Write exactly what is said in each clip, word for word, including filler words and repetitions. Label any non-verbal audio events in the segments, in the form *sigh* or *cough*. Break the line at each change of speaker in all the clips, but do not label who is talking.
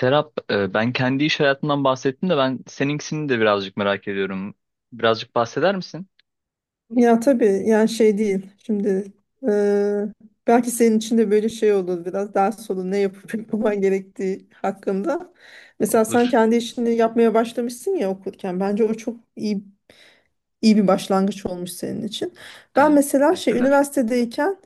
Serap, e, ben kendi iş hayatından bahsettim de ben seninkisini de birazcık merak ediyorum. Birazcık bahseder misin?
Ya tabii yani şey değil. Şimdi e, belki senin için de böyle şey olur biraz daha sonra ne yapıp *laughs* yapman gerektiği hakkında. Mesela sen
Olur.
kendi işini yapmaya başlamışsın ya okurken. Bence o çok iyi iyi bir başlangıç olmuş senin için. Ben
Evet,
mesela şey
teşekkürler.
üniversitedeyken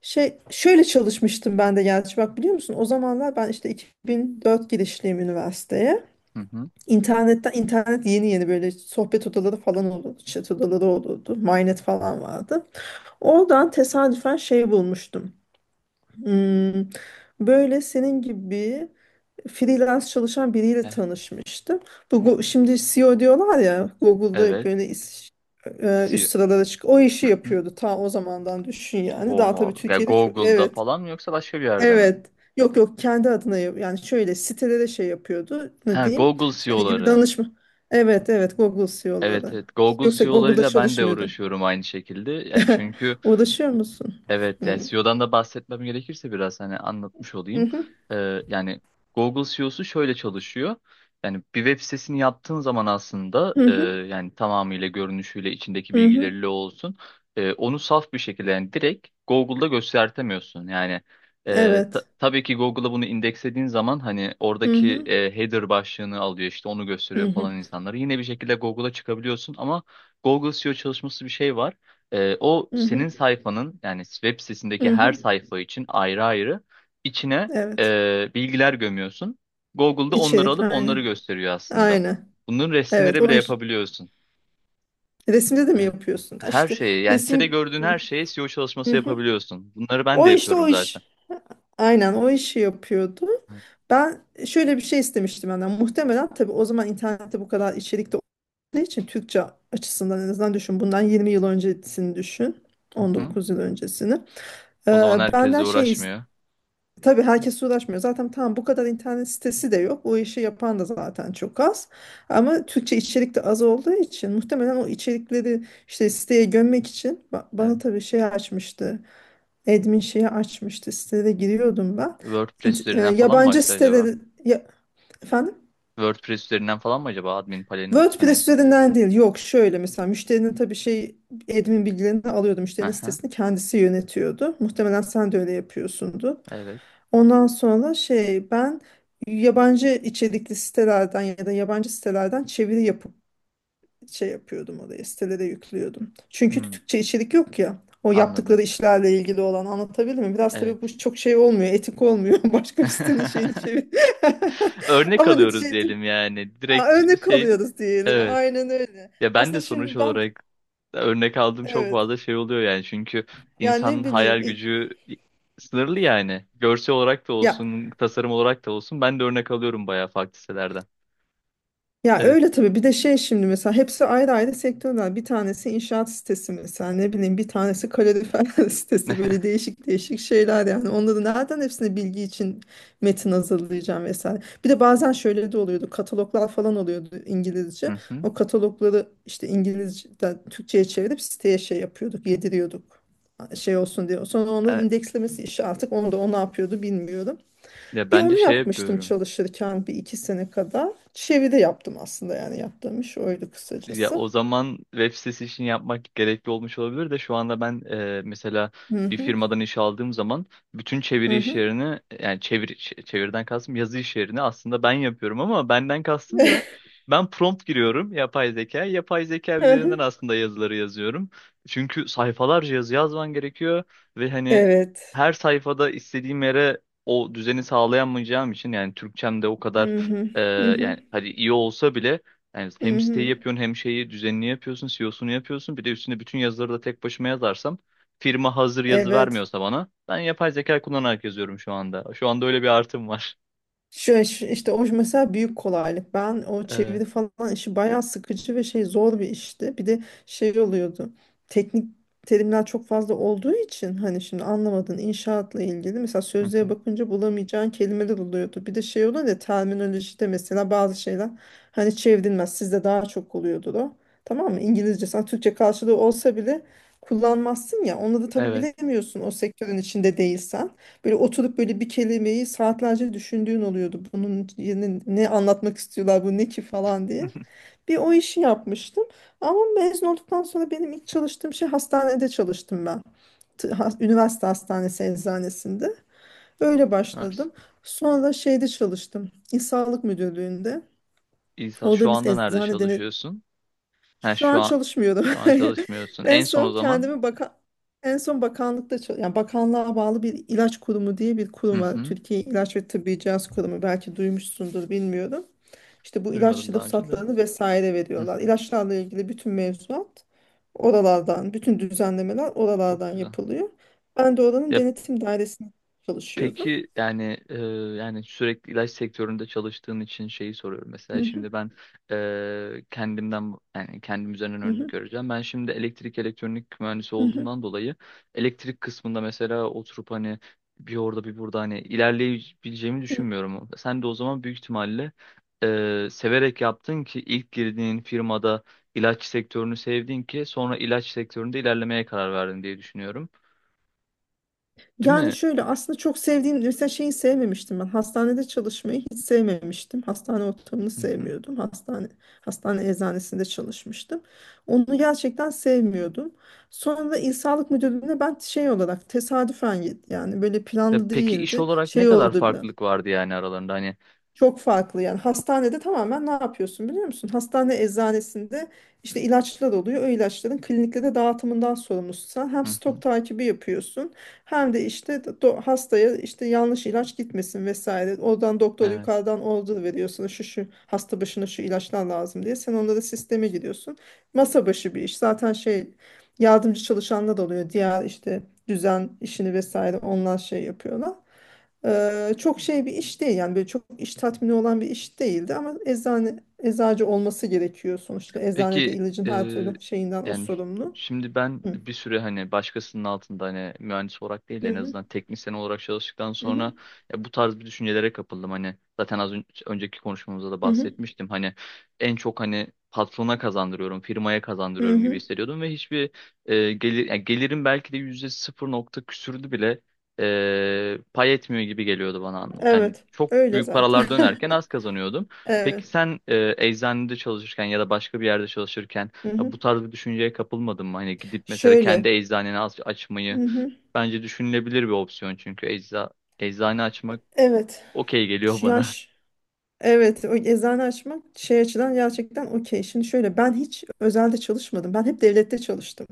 şey şöyle çalışmıştım ben de gerçi bak biliyor musun? O zamanlar ben işte iki bin dört girişliyim üniversiteye.
Hı hı.
İnternetten internet yeni yeni böyle sohbet odaları falan olurdu, chat odaları olurdu, Mynet falan vardı. Oradan tesadüfen şey bulmuştum. Hmm, böyle senin gibi freelance çalışan biriyle
Evet.
tanışmıştım. Bu Go- şimdi C E O diyorlar ya Google'da
Evet.
böyle is- e, üst
C E O.
sıralara çık. O işi
Hı hı.
yapıyordu ta o zamandan düşün yani. Daha tabii
Oha. Ve
Türkiye'de çok
Google'da
evet.
falan mı yoksa başka bir yerde mi?
Evet. Yok yok kendi adına yap- yani şöyle sitelere şey yapıyordu. Ne
Ha,
diyeyim?
Google
Senin gibi
C E O'ları.
danışma. Evet evet Google
Evet,
C E O'ları.
evet. Google
Yoksa Google'da
C E O'larıyla ben de
çalışmıyordu.
uğraşıyorum aynı şekilde. Yani
*laughs*
çünkü...
Uğraşıyor musun?
Evet, yani
Hı.
C E O'dan da bahsetmem gerekirse biraz hani anlatmış olayım.
Hı,
Ee, yani Google C E O'su şöyle çalışıyor. Yani bir web sitesini yaptığın zaman aslında
hı
e,
hı,
yani tamamıyla görünüşüyle içindeki
hı hı,
bilgileriyle olsun e, onu saf bir şekilde yani direkt Google'da göstertemiyorsun. Yani e, ta-
evet.
tabii ki Google'a bunu indekslediğin zaman hani
Hı
oradaki
hı,
e, header başlığını alıyor, işte onu
hı
gösteriyor
hı,
falan insanları. Yine bir şekilde Google'a çıkabiliyorsun ama Google S E O çalışması bir şey var. Ee, o
hı hı,
senin sayfanın yani web sitesindeki
hı
her
hı,
sayfa için ayrı ayrı içine
evet.
e, bilgiler gömüyorsun. Google'da onları
İçerik,
alıp onları
aynı.
gösteriyor aslında.
Aynı.
Bunun
Evet,
resimleri bile
o iş.
yapabiliyorsun.
Resimde de mi
Evet.
yapıyorsun? Ha,
Her
İşte
şeyi yani sitede
resim...
gördüğün her şeye S E O
Hı
çalışması
hı.
yapabiliyorsun. Bunları ben de
O işte
yapıyorum
o
zaten.
iş. Aynen o işi yapıyordu.
Evet.
Ben şöyle bir şey istemiştim benden. Muhtemelen tabii o zaman internette bu kadar içerik de olduğu için Türkçe açısından en azından düşün. Bundan yirmi yıl öncesini düşün.
Hı
On
hı.
dokuz yıl öncesini.
O
Ee,
zaman herkesle
benden şey is-
uğraşmıyor.
Tabii herkes uğraşmıyor. Zaten tam bu kadar internet sitesi de yok. O işi yapan da zaten çok az. Ama Türkçe içerik de az olduğu için muhtemelen o içerikleri işte siteye gömmek için ba-
Evet.
bana tabii şey açmıştı. Admin şeyi açmıştı. Sitelere giriyordum ben.
WordPress
İnt- e,
üzerinden falan mı
yabancı
açtı acaba?
siteleri ya- efendim?
WordPress üzerinden falan mı acaba admin paneli? Panel?
WordPress üzerinden değil. Yok şöyle mesela müşterinin tabii şey admin bilgilerini alıyordu.
Hı
Müşterinin
hı.
sitesini kendisi yönetiyordu. Muhtemelen sen de öyle yapıyorsundu.
Evet.
Ondan sonra şey ben yabancı içerikli sitelerden ya da yabancı sitelerden çeviri yapıp şey yapıyordum oraya sitelere yüklüyordum. Çünkü
Hmm,
Türkçe içerik yok ya. O
anladım.
yaptıkları işlerle ilgili olan anlatabilir mi? Biraz
Evet.
tabii bu çok şey olmuyor, etik olmuyor. *laughs* Başka bir sitenin şeyini
*laughs*
çevir. *laughs*
Örnek
Ama
alıyoruz
netice
diyelim yani.
aa,
Direkt ç-
örnek
şey değil.
alıyoruz diyelim.
Evet.
Aynen öyle.
Ya ben de
Aslında
sonuç
şimdi ben
olarak örnek aldığım çok
evet.
fazla şey oluyor yani. Çünkü
Yani
insanın
ne
hayal
bileyim i-
gücü sınırlı yani. Görsel olarak da
ya
olsun, tasarım olarak da olsun. Ben de örnek alıyorum bayağı farklı sitelerden.
ya
Evet.
öyle tabii bir de şey şimdi mesela hepsi ayrı ayrı sektörler. Bir tanesi inşaat sitesi mesela ne bileyim bir tanesi kalorifer *laughs* sitesi böyle değişik değişik şeyler yani. Onları nereden hepsine bilgi için metin hazırlayacağım vesaire. Bir de bazen şöyle de oluyordu kataloglar falan oluyordu
Hı
İngilizce.
hı.
O katalogları işte İngilizce'den Türkçe'ye çevirip siteye şey yapıyorduk yediriyorduk şey olsun diye. Sonra onların
E,
indeklemesi işi artık onu da o ne yapıyordu bilmiyorum.
Ya
Bir
ben de
onu
şey
yapmıştım
yapıyorum.
çalışırken bir iki sene kadar. Çeviri yaptım aslında yani yaptığım iş oydu
Ya
kısacası.
o zaman web sitesi için yapmak gerekli olmuş olabilir de şu anda ben e, mesela
Hı
bir
hı,
firmadan iş aldığım zaman bütün çeviri
hı
iş
hı,
yerini yani çevir, ç- çeviriden kastım yazı iş yerini aslında ben yapıyorum ama benden kastım da ben prompt giriyorum yapay zeka. Yapay zeka
hı
üzerinden
hı.
aslında yazıları yazıyorum. Çünkü sayfalarca yazı yazman gerekiyor ve hani
Evet.
her sayfada istediğim yere o düzeni sağlayamayacağım için yani Türkçem de o kadar
Hı hı,
e,
hı hı,
yani hadi iyi olsa bile yani
hı
hem siteyi
hı.
yapıyorsun hem şeyi düzenini yapıyorsun, C E O'sunu yapıyorsun. Bir de üstüne bütün yazıları da tek başıma yazarsam, firma hazır yazı
Evet.
vermiyorsa bana, ben yapay zeka kullanarak yazıyorum şu anda. Şu anda öyle bir artım var.
Şu, şu- işte o mesela büyük kolaylık. Ben o
Ee, hı
çeviri falan işi bayağı sıkıcı ve şey zor bir işti. Bir de şey oluyordu. Teknik terimler çok fazla olduğu için hani şimdi anlamadığın inşaatla ilgili mesela sözlüğe
hı.
bakınca bulamayacağın kelimeler oluyordu. Bir de şey oluyor ya terminolojide mesela bazı şeyler hani çevrilmez. Sizde daha çok oluyordu o. Tamam mı? İngilizce sen Türkçe karşılığı olsa bile kullanmazsın ya. Onları tabii
Evet.
bilemiyorsun o sektörün içinde değilsen. Böyle oturup böyle bir kelimeyi saatlerce düşündüğün oluyordu. Bunun yerine ne anlatmak istiyorlar bu ne ki falan diye.
*laughs*
Bir o işi yapmıştım. Ama mezun olduktan sonra benim ilk çalıştığım şey hastanede çalıştım ben. T- ha- üniversite hastanesi eczanesinde. Öyle
Nice.
başladım. Sonra şeyde çalıştım. İl Sağlık Müdürlüğü'nde.
İsa şu
Orada biz
anda nerede
eczane
çalışıyorsun? Ha,
şu
şu
an
an
çalışmıyordum.
şu an
*laughs*
çalışmıyorsun.
En
En son o
son
zaman
kendimi baka en son bakanlıkta çal- yani bakanlığa bağlı bir ilaç kurumu diye bir
hı
kurum var.
hı.
Türkiye İlaç ve Tıbbi Cihaz Kurumu belki duymuşsundur bilmiyorum. İşte bu ilaç
Duymadım daha önce de.
ruhsatlarını vesaire
Hı
veriyorlar.
hı.
İlaçlarla ilgili bütün mevzuat oralardan, bütün düzenlemeler
Çok
oralardan
güzel.
yapılıyor. Ben de oranın
Ya,
denetim dairesinde çalışıyordum.
peki yani e, yani sürekli ilaç sektöründe çalıştığın için şeyi soruyorum. Mesela
Mhm,
şimdi ben e, kendimden yani kendim üzerinden
mhm,
örnek vereceğim. Ben şimdi elektrik elektronik mühendisi
mhm.
olduğumdan dolayı elektrik kısmında mesela oturup hani bir orada bir burada hani ilerleyebileceğimi düşünmüyorum. Sen de o zaman büyük ihtimalle e, severek yaptın ki ilk girdiğin firmada ilaç sektörünü sevdin ki sonra ilaç sektöründe ilerlemeye karar verdin diye düşünüyorum. Değil
Yani
mi?
şöyle aslında çok sevdiğim mesela şeyi sevmemiştim ben. Hastanede çalışmayı hiç sevmemiştim. Hastane ortamını
*laughs*
sevmiyordum. Hastane hastane eczanesinde çalışmıştım. Onu gerçekten sevmiyordum. Sonra da İl Sağlık Müdürlüğü'ne ben şey olarak tesadüfen git- yani böyle
Ya
planlı
peki iş
değildi.
olarak ne
Şey
kadar
oldu biraz.
farklılık vardı yani aralarında hani?
Çok farklı yani hastanede tamamen ne yapıyorsun biliyor musun? Hastane eczanesinde işte ilaçlar oluyor. O ilaçların kliniklere dağıtımından sorumlusun. Sen hem
Hı hı.
stok takibi yapıyorsun hem de işte do- hastaya işte yanlış ilaç gitmesin vesaire. Oradan doktor
Evet.
yukarıdan order veriyorsun. Şu şu hasta başına şu ilaçlar lazım diye. Sen onlara sisteme giriyorsun. Masa başı bir iş. Zaten şey yardımcı çalışanlar da oluyor. Diğer işte düzen işini vesaire onlar şey yapıyorlar. Eee, çok şey bir iş değil yani böyle çok iş tatmini olan bir iş değildi ama eczane eczacı olması gerekiyor sonuçta eczanede
Peki
ilacın her
eee,
türlü şeyinden o
yani
sorumlu.
şimdi ben
Hı.
bir süre hani başkasının altında hani mühendis olarak değil
Hı
en
hı,
azından teknisyen olarak çalıştıktan
hı
sonra
hı,
ya bu tarz bir düşüncelere kapıldım. Hani zaten az ön- önceki konuşmamızda da
hı hı,
bahsetmiştim. Hani en çok hani patrona kazandırıyorum, firmaya
hı
kazandırıyorum gibi
hı.
hissediyordum ve hiçbir eee, gelir yani gelirim belki de yüzde sıfır nokta küsürdü bile eee, pay etmiyor gibi geliyordu bana. Yani
Evet
çok
öyle
büyük
zaten.
paralar dönerken az
*laughs*
kazanıyordum.
Evet.
Peki sen e, eczanede çalışırken ya da başka bir yerde çalışırken
Hı
ya
hı.
bu tarz bir düşünceye kapılmadın mı? Hani gidip mesela kendi
Şöyle.
eczaneni aç-
Hı
açmayı
hı.
bence düşünülebilir bir opsiyon, çünkü ecza eczane açmak
Evet.
okey geliyor
Şu
bana.
Yaş. Evet, o eczane açmak şey açıdan gerçekten okey. Şimdi şöyle ben hiç özelde çalışmadım. Ben hep devlette çalıştım.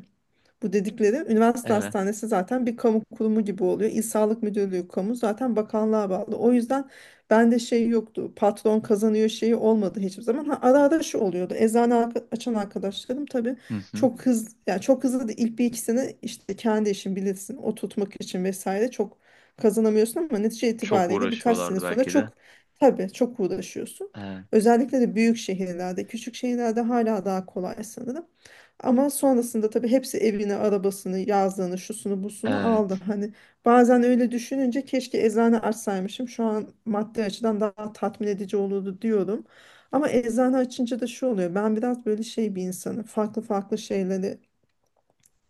Bu dedikleri
*laughs*
üniversite
Evet.
hastanesi zaten bir kamu kurumu gibi oluyor. İl Sağlık Müdürlüğü kamu zaten bakanlığa bağlı. O yüzden bende şey yoktu. Patron kazanıyor şeyi olmadı hiçbir zaman. Ha, ara ara şu oluyordu. Eczane arka- açan arkadaşlarım tabii
Hı hı.
çok hızlı yani çok hızlı da ilk bir iki sene işte kendi işin bilirsin o tutmak için vesaire çok kazanamıyorsun ama netice
Çok
itibariyle birkaç sene
uğraşıyorlardı
sonra
belki de.
çok tabii çok uğraşıyorsun.
Evet.
Özellikle de büyük şehirlerde, küçük şehirlerde hala daha kolay sanırım. Ama sonrasında tabii hepsi evini, arabasını, yazlığını, şusunu, busunu aldı.
Evet.
Hani bazen öyle düşününce keşke eczane açsaymışım. Şu an maddi açıdan daha tatmin edici olurdu diyorum. Ama eczane açınca da şu oluyor. Ben biraz böyle şey bir insanım. Farklı farklı şeyleri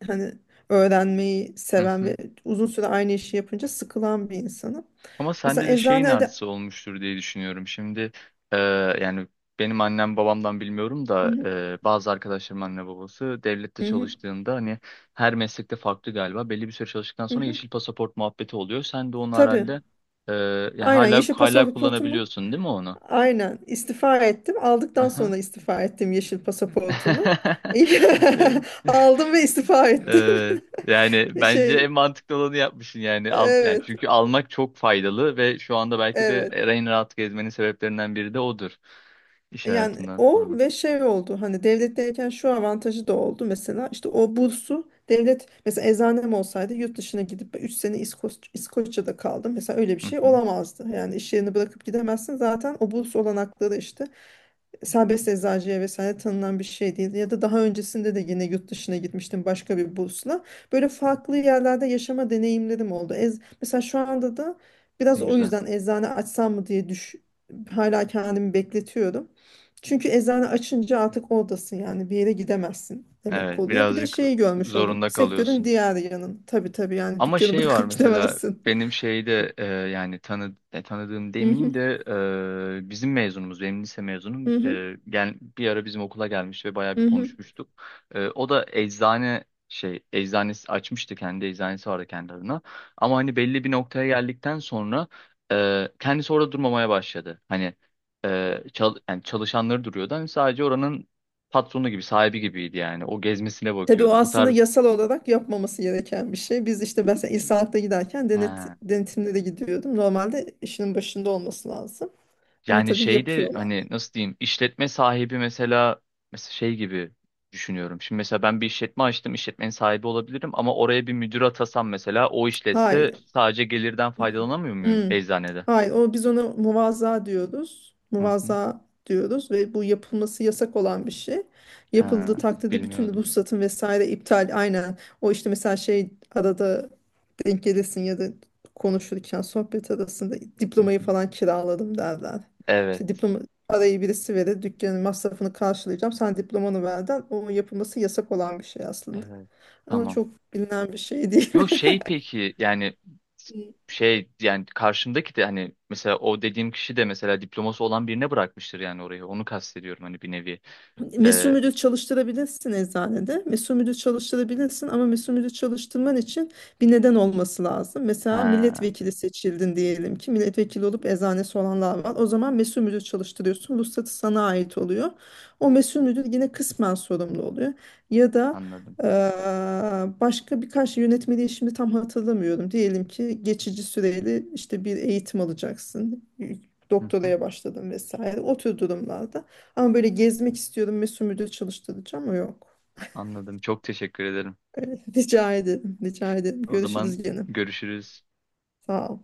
hani öğrenmeyi seven ve
*laughs*
uzun süre aynı işi yapınca sıkılan bir insanım.
Ama
Mesela
sende de şeyin
eczanede...
artısı olmuştur diye düşünüyorum. Şimdi e, yani benim annem babamdan bilmiyorum
Hı
da
hı,
e, bazı arkadaşlarım anne babası devlette
hı hı,
çalıştığında hani her meslekte farklı galiba. Belli bir süre çalıştıktan
hı
sonra
hı.
yeşil pasaport muhabbeti oluyor. Sen de onu
Tabii.
herhalde e, yani
Aynen
hala
yeşil
hala
pasaportu mu?
kullanabiliyorsun değil mi onu?
Aynen istifa ettim. Aldıktan
Aha.
sonra istifa ettim yeşil pasaportumu.
*laughs*
*laughs*
Evet.
Aldım ve istifa ettim.
Ee, yani
*laughs*
bence
Şey,
en mantıklı olanı yapmışsın yani. Al, yani
evet,
çünkü almak çok faydalı ve şu anda belki de
evet.
en rahat gezmenin sebeplerinden biri de odur. İş
Yani
hayatından
o
sonra.
ve şey oldu. Hani devletteyken şu avantajı da oldu mesela. İşte o bursu devlet mesela eczanem olsaydı yurt dışına gidip üç sene İskoç, İskoçya'da kaldım. Mesela öyle bir
Hı
şey
hı.
olamazdı. Yani iş yerini bırakıp gidemezsin. Zaten o burs olanakları işte serbest eczacıya vesaire tanınan bir şey değil. Ya da daha öncesinde de yine yurt dışına gitmiştim başka bir bursla. Böyle farklı yerlerde yaşama deneyimlerim oldu. Ez, mesela şu anda da biraz
Ne
o
güzel.
yüzden eczane açsam mı diye düş, hala kendimi bekletiyorum. Çünkü eczane açınca artık oradasın yani bir yere gidemezsin demek
Evet,
oluyor. Bir de
birazcık
şeyi görmüş oldum.
zorunda
Sektörün
kalıyorsun.
diğer yanın. Tabii tabii yani
Ama
dükkanı
şey var
bırakıp
mesela
gidemezsin.
benim
*laughs*
şeyde e, yani tanı, e, tanıdığım demeyeyim
Mhm,
de e, bizim mezunumuz, benim lise mezunum,
mhm,
e, gel, bir ara bizim okula gelmiş ve bayağı bir
mhm.
konuşmuştuk. E, o da eczane şey eczanesi açmıştı, kendi eczanesi vardı kendi adına. Ama hani belli bir noktaya geldikten sonra e, kendisi orada durmamaya başladı. Hani e, çal, yani çalışanları duruyordu, hani sadece oranın patronu gibi, sahibi gibiydi, yani o gezmesine
Tabii o
bakıyordu bu
aslında
tarz.
yasal olarak yapmaması gereken bir şey. Biz işte ben mesela İSAHAK'ta giderken
He.
denet, denetimlere gidiyordum. Normalde işinin başında olması lazım. Ama
Yani
tabii
şeyde
yapıyorlar.
hani, nasıl diyeyim, işletme sahibi mesela mesela şey gibi düşünüyorum. Şimdi mesela ben bir işletme açtım, işletmenin sahibi olabilirim ama oraya bir müdür atasam mesela, o işletse,
Hayır.
sadece gelirden faydalanamıyor muyum
Hmm.
eczanede?
Hayır, o biz ona muvazaa diyoruz.
Hı hı.
Muvazaa diyoruz ve bu yapılması yasak olan bir şey. Yapıldığı
Ha,
takdirde bütün
bilmiyordum.
ruhsatın vesaire iptal aynen. O işte mesela şey arada denk gelirsin ya da konuşurken sohbet arasında
Hı
diplomayı
hı.
falan kiraladım derler. İşte
Evet,
diploma parayı birisi verir dükkanın masrafını karşılayacağım. Sen diplomanı verden o yapılması yasak olan bir şey aslında.
evet.
Ama
Tamam.
çok bilinen bir şey değil.
Yok şey peki yani,
*laughs*
şey yani karşımdaki de hani mesela o dediğim kişi de mesela diploması olan birine bırakmıştır yani orayı. Onu kastediyorum hani bir nevi.
Mesul
Ee,
müdür çalıştırabilirsin eczanede. Mesul müdür çalıştırabilirsin ama mesul müdür çalıştırman için bir neden olması lazım. Mesela
ha,
milletvekili seçildin diyelim ki milletvekili olup eczanesi olanlar var. O zaman mesul müdür çalıştırıyorsun. Ruhsatı sana ait oluyor. O mesul müdür yine kısmen sorumlu oluyor. Ya da
anladım.
eee, başka birkaç yönetmeliği şimdi tam hatırlamıyorum. Diyelim ki geçici süreli işte bir eğitim alacaksın.
*laughs*
Doktoraya başladın vesaire. O tür durumlarda. Ama böyle gezmek istiyordum ve sümürde çalıştıracağım ama yok.
Anladım. Çok teşekkür ederim.
Öyle, *laughs* rica ederim, rica ederim.
O zaman
Görüşürüz gene.
görüşürüz.
Sağ ol.